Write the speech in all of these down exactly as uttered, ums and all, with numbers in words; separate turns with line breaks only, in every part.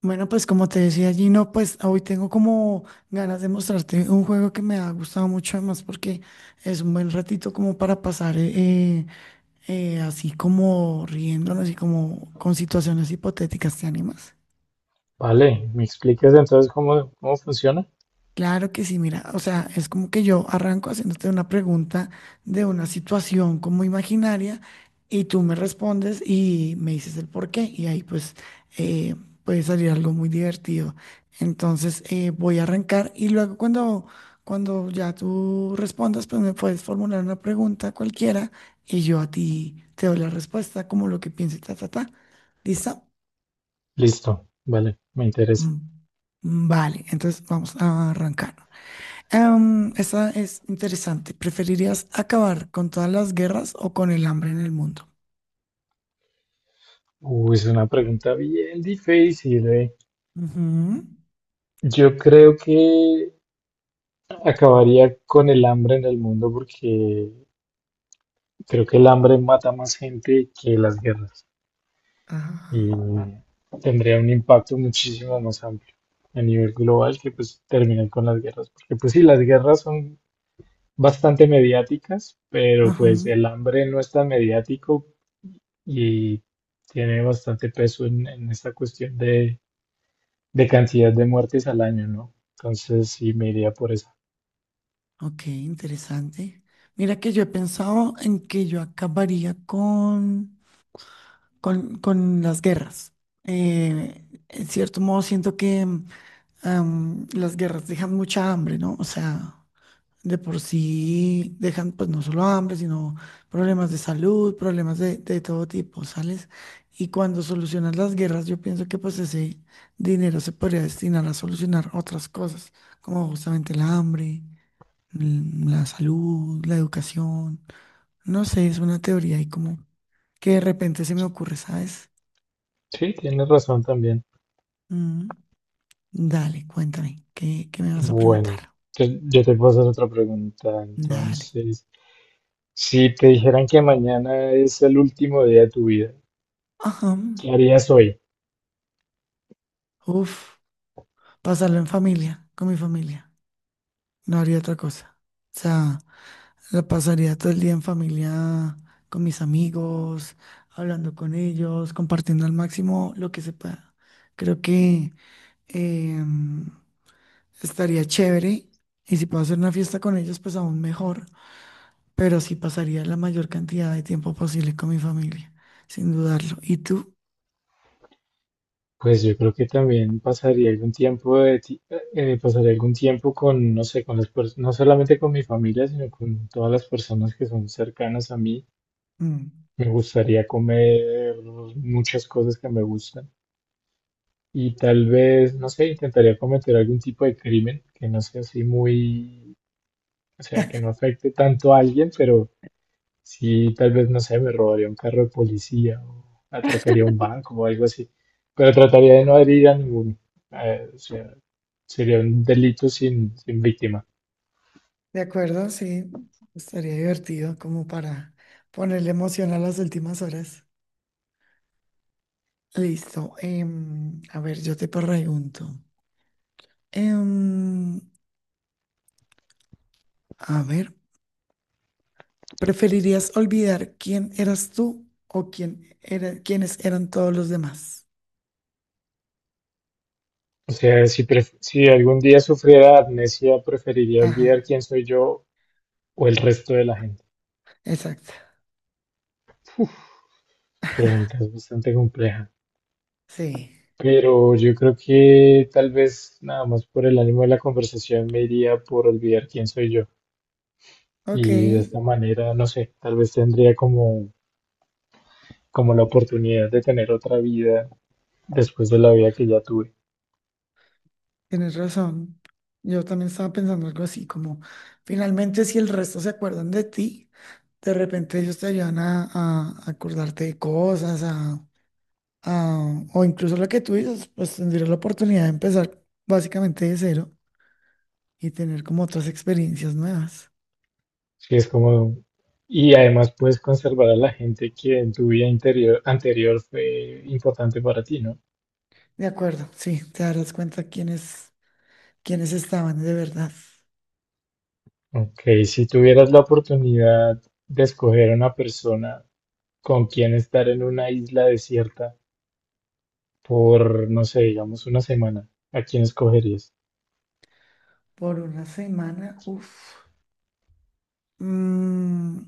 Bueno, pues como te decía Gino, pues hoy tengo como ganas de mostrarte un juego que me ha gustado mucho además porque es un buen ratito como para pasar eh, eh, así como riéndonos y como con situaciones hipotéticas, ¿te animas?
Vale, ¿me explicas entonces cómo, cómo funciona?
Claro que sí, mira, o sea, es como que yo arranco haciéndote una pregunta de una situación como imaginaria y tú me respondes y me dices el por qué y ahí pues eh, puede salir algo muy divertido. Entonces eh, voy a arrancar y luego cuando, cuando ya tú respondas pues me puedes formular una pregunta cualquiera y yo a ti te doy la respuesta como lo que piense, ta, ta, ta. ¿Listo?
Listo, vale, me interesa.
Mm, Vale, entonces vamos a arrancar. Em, esa es interesante. ¿Preferirías acabar con todas las guerras o con el hambre en el mundo?
Uy, es una pregunta bien difícil, eh.
Ujú.
Yo creo que acabaría con el hambre en el mundo porque creo que el hambre mata más gente que las guerras
Ajá.
y tendría un impacto muchísimo más amplio a nivel global que pues terminar con las guerras. Porque pues sí, las guerras son bastante mediáticas, pero
Ajá.
pues el hambre no es tan mediático y tiene bastante peso en, en esta cuestión de, de cantidad de muertes al año, ¿no? Entonces sí me iría por esa.
Ok, interesante. Mira que yo he pensado en que yo acabaría con, con, con las guerras. Eh, en cierto modo siento que em, las guerras dejan mucha hambre, ¿no? O sea, de por sí dejan pues no solo hambre, sino problemas de salud, problemas de, de todo tipo, ¿sales? Y cuando solucionas las guerras, yo pienso que pues ese dinero se podría destinar a solucionar otras cosas, como justamente el hambre, mm, la salud, la educación. No sé, es una teoría y como que de repente se me ocurre, ¿sabes?
Sí, tienes razón también.
Mm, dale, cuéntame, ¿qué, qué me vas a
Bueno,
preguntar?
yo, yo te puedo hacer otra pregunta.
Dale.
Entonces, si te dijeran que mañana es el último día de tu vida,
Ajá.
¿qué harías hoy?
Uf, pasarlo en familia, con mi familia. No haría otra cosa. O sea, la pasaría todo el día en familia, con mis amigos, hablando con ellos, compartiendo al máximo lo que se pueda. Creo que em, estaría chévere y si puedo hacer una fiesta con ellos, pues aún mejor, pero sí pasaría la mayor cantidad de tiempo posible con mi familia, sin dudarlo. ¿Y tú?
Pues yo creo que también pasaría algún tiempo de ti- eh, pasaría algún tiempo con, no sé, con las pers- no solamente con mi familia, sino con todas las personas que son cercanas a mí.
Mm,
Me gustaría comer muchas cosas que me gustan y tal vez, no sé, intentaría cometer algún tipo de crimen que no sea así muy, o sea, que no afecte tanto a alguien, pero sí, tal vez, no sé, me robaría un carro de policía o atracaría un banco o algo así, pero trataría de no herir a ninguno. Eh, o sea, sería un delito sin, sin víctima.
De acuerdo, sí, estaría divertido como para ponerle emoción a las últimas horas. Listo. Em, a ver, yo te pregunto. em, a ver, ¿preferirías olvidar quién eras tú o quién era, quiénes eran todos los demás?
O sea, si, pref- si algún día sufriera amnesia, preferiría
Ajá,
olvidar quién soy yo o el resto de la gente.
exacto.
Pregunta es bastante compleja,
Sí.
pero yo creo que tal vez nada más por el ánimo de la conversación me iría por olvidar quién soy yo.
Ok,
Y de esta manera, no sé, tal vez tendría como, como la oportunidad de tener otra vida después de la vida que ya tuve.
tienes razón. Yo también estaba pensando algo así, como finalmente si el resto se acuerdan de ti, de repente ellos te ayudan a, a acordarte de cosas, ah, o incluso la que tú dices, pues tendría la oportunidad de empezar básicamente de cero y tener como otras experiencias nuevas.
Sí, es como, y además puedes conservar a la gente que en tu vida interior, anterior fue importante para ti, ¿no?
De acuerdo, sí, te darás cuenta quiénes, quiénes estaban de verdad.
Ok, si tuvieras la oportunidad de escoger a una persona con quien estar en una isla desierta, por, no sé, digamos una semana, ¿a quién escogerías?
Por una semana, uff, no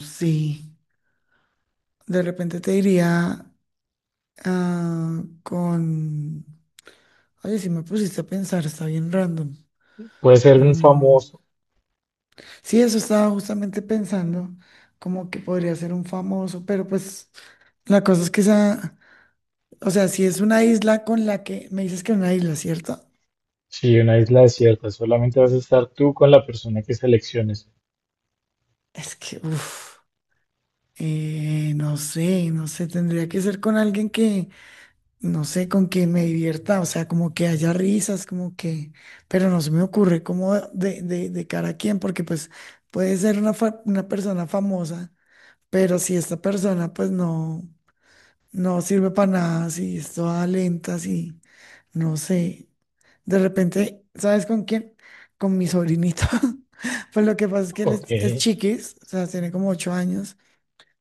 sé, de repente te diría ah, con, oye, si me pusiste a pensar, está bien random.
Puede ser un
Mm,
famoso,
Sí, eso estaba justamente pensando, como que podría ser un famoso, pero pues... La cosa es que esa, o sea, si es una isla con la que me dices que es una isla, ¿cierto?
sí, una isla desierta, solamente vas a estar tú con la persona que selecciones.
Es que, uff, no sé, no sé, tendría que ser con alguien que, no sé, con que me divierta, o sea, como que haya risas, como que, pero no se me ocurre como de, de, de cara a quién, porque pues puede ser una, fa- una persona famosa, pero si esta persona pues no, no sirve para nada, si es toda lenta, si, no sé. De repente, ¿sabes con quién? Con mi sobrinito. Pues lo que pasa es que él
Ok,
es, es chiquis, o sea, tiene como ocho años,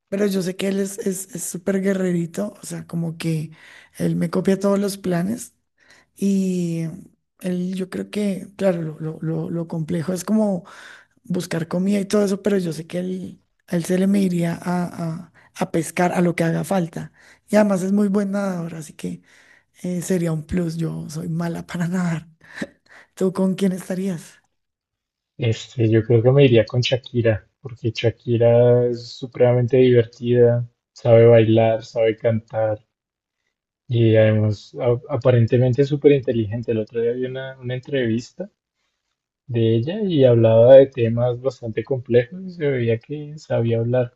pero yo sé que él es, es, es súper guerrerito, o sea, como que él me copia todos los planes y él, yo creo que, claro, lo, lo, lo, lo complejo es como buscar comida y todo eso, pero yo sé que él, a él se le me iría a, a, a pescar a lo que haga falta. Y además es muy buen nadador, así que eh, sería un plus, yo soy mala para nadar. ¿Tú con quién estarías?
este, yo creo que me iría con Shakira, porque Shakira es supremamente divertida, sabe bailar, sabe cantar y además a- aparentemente es súper inteligente. El otro día vi una, una entrevista de ella y hablaba de temas bastante complejos y se veía que sabía hablar.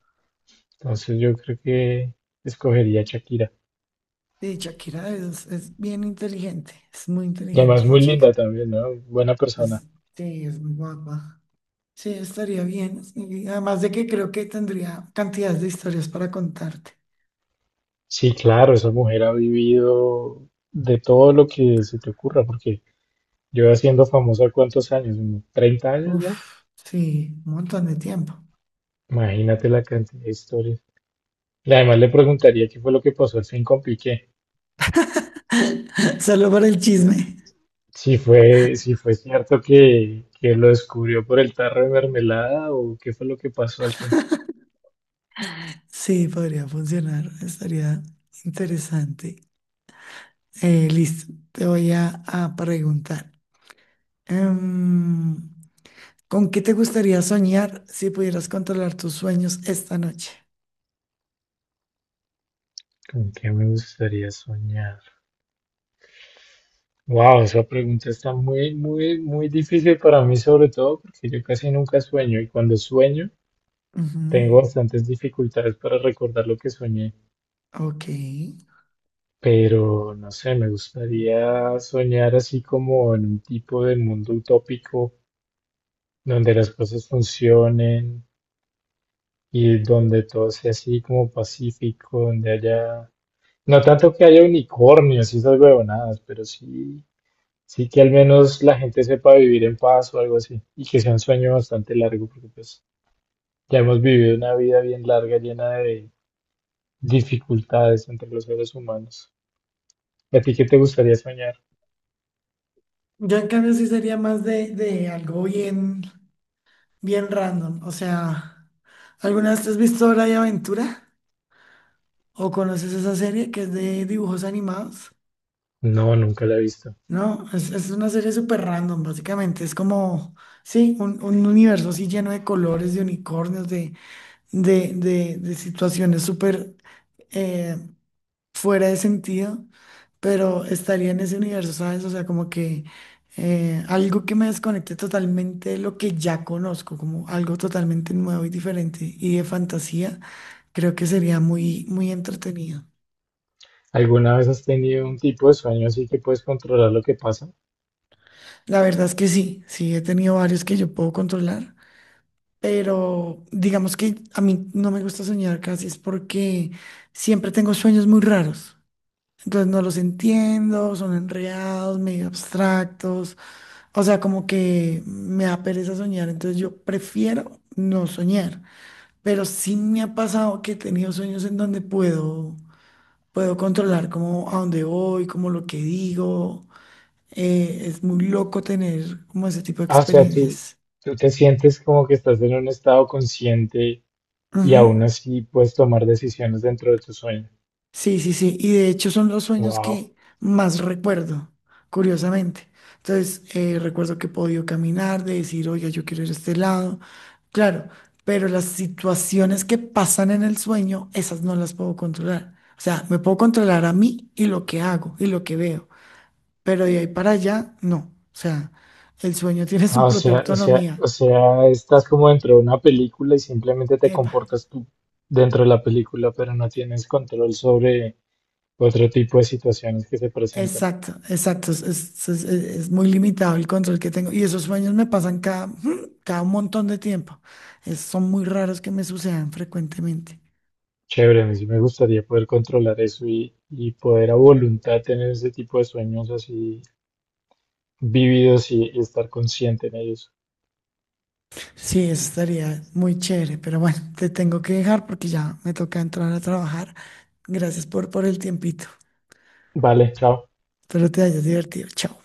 Entonces yo creo que escogería a Shakira.
Sí, Shakira es, es bien inteligente, es muy
Y
inteligente
además
esa
muy linda
chica.
también, ¿no? Buena persona.
Es- sí, es muy guapa. Sí, estaría bien. Y además de que creo que tendría cantidades de historias para contarte.
Sí, claro, esa mujer ha vivido de todo lo que se te ocurra, porque yo siendo famosa cuántos años, unos treinta años ya.
Uf, sí, un montón de tiempo.
Imagínate la cantidad de historias. Y además le preguntaría qué fue lo que pasó al fin con Piqué.
Solo para el chisme.
Si fue, si fue cierto que, que lo descubrió por el tarro de mermelada o qué fue lo que pasó al fin.
Sí, podría funcionar, estaría interesante. Eh, listo, te voy a, a preguntar. Em, ¿con qué te gustaría soñar si pudieras controlar tus sueños esta noche?
¿Con qué me gustaría soñar? Wow, esa pregunta está muy, muy, muy difícil para mí, sobre todo porque yo casi nunca sueño y cuando sueño
Ujú,
tengo bastantes dificultades para recordar lo que soñé.
Ok.
Pero no sé, me gustaría soñar así como en un tipo de mundo utópico donde las cosas funcionen y donde todo sea así como pacífico, donde haya, no tanto que haya unicornios y esas huevonadas, pero sí. Sí, que al menos la gente sepa vivir en paz o algo así. Y que sea un sueño bastante largo, porque pues ya hemos vivido una vida bien larga, llena de dificultades entre los seres humanos. ¿Y a ti qué te gustaría soñar?
Yo en cambio sí sería más de, de algo bien, bien random. O sea, ¿alguna vez te has visto Hora de Aventura? ¿O conoces esa serie que es de dibujos animados?
No, nunca la he visto.
No, es, es una serie súper random, básicamente. Es como, sí, un, un universo así lleno de colores, de unicornios, de, de, de, de situaciones súper eh, fuera de sentido, pero estaría en ese universo, ¿sabes? O sea, como que eh, algo que me desconecte totalmente de lo que ya conozco, como algo totalmente nuevo y diferente y de fantasía, creo que sería muy, muy entretenido.
¿Alguna vez has tenido un tipo de sueño así que puedes controlar lo que pasa?
La verdad es que sí, sí, he tenido varios que yo puedo controlar. Pero digamos que a mí no me gusta soñar casi, es porque siempre tengo sueños muy raros. Entonces no los entiendo, son enreados, medio abstractos. O sea, como que me da pereza soñar, entonces yo prefiero no soñar, pero sí me ha pasado que he tenido sueños en donde puedo, puedo controlar como a dónde voy, como lo que digo. Eh, es muy loco tener como ese tipo de
Ah, o sea, tú,
experiencias.
tú te sientes como que estás en un estado consciente y
Ujú.
aún así puedes tomar decisiones dentro de tu sueño.
Sí, sí, sí. Y de hecho son los sueños
Wow.
que más recuerdo, curiosamente. Entonces, eh, recuerdo que he podido caminar, de decir, oiga, yo quiero ir a este lado. Claro, pero las situaciones que pasan en el sueño, esas no las puedo controlar. O sea, me puedo controlar a mí y lo que hago y lo que veo, pero de ahí para allá, no. O sea, el sueño tiene
Ah,
su
o
propia
sea, o sea, o
autonomía.
sea, estás como dentro de una película y simplemente te
Epa.
comportas tú dentro de la película, pero no tienes control sobre otro tipo de situaciones que se presentan.
Exacto, exacto. Es, es- es- es muy limitado el control que tengo. Y esos sueños me pasan cada, ujú, cada un montón de tiempo. Es- son muy raros que me sucedan frecuentemente.
Chévere, a mí sí me gustaría poder controlar eso y, y poder a voluntad tener ese tipo de sueños así vividos y, y estar consciente en ellos.
Sí, eso estaría muy chévere. Pero bueno, te tengo que dejar porque ya me toca entrar a trabajar. Gracias por, por el tiempito.
Vale, chao.
Espero te hayas divertido. Chao.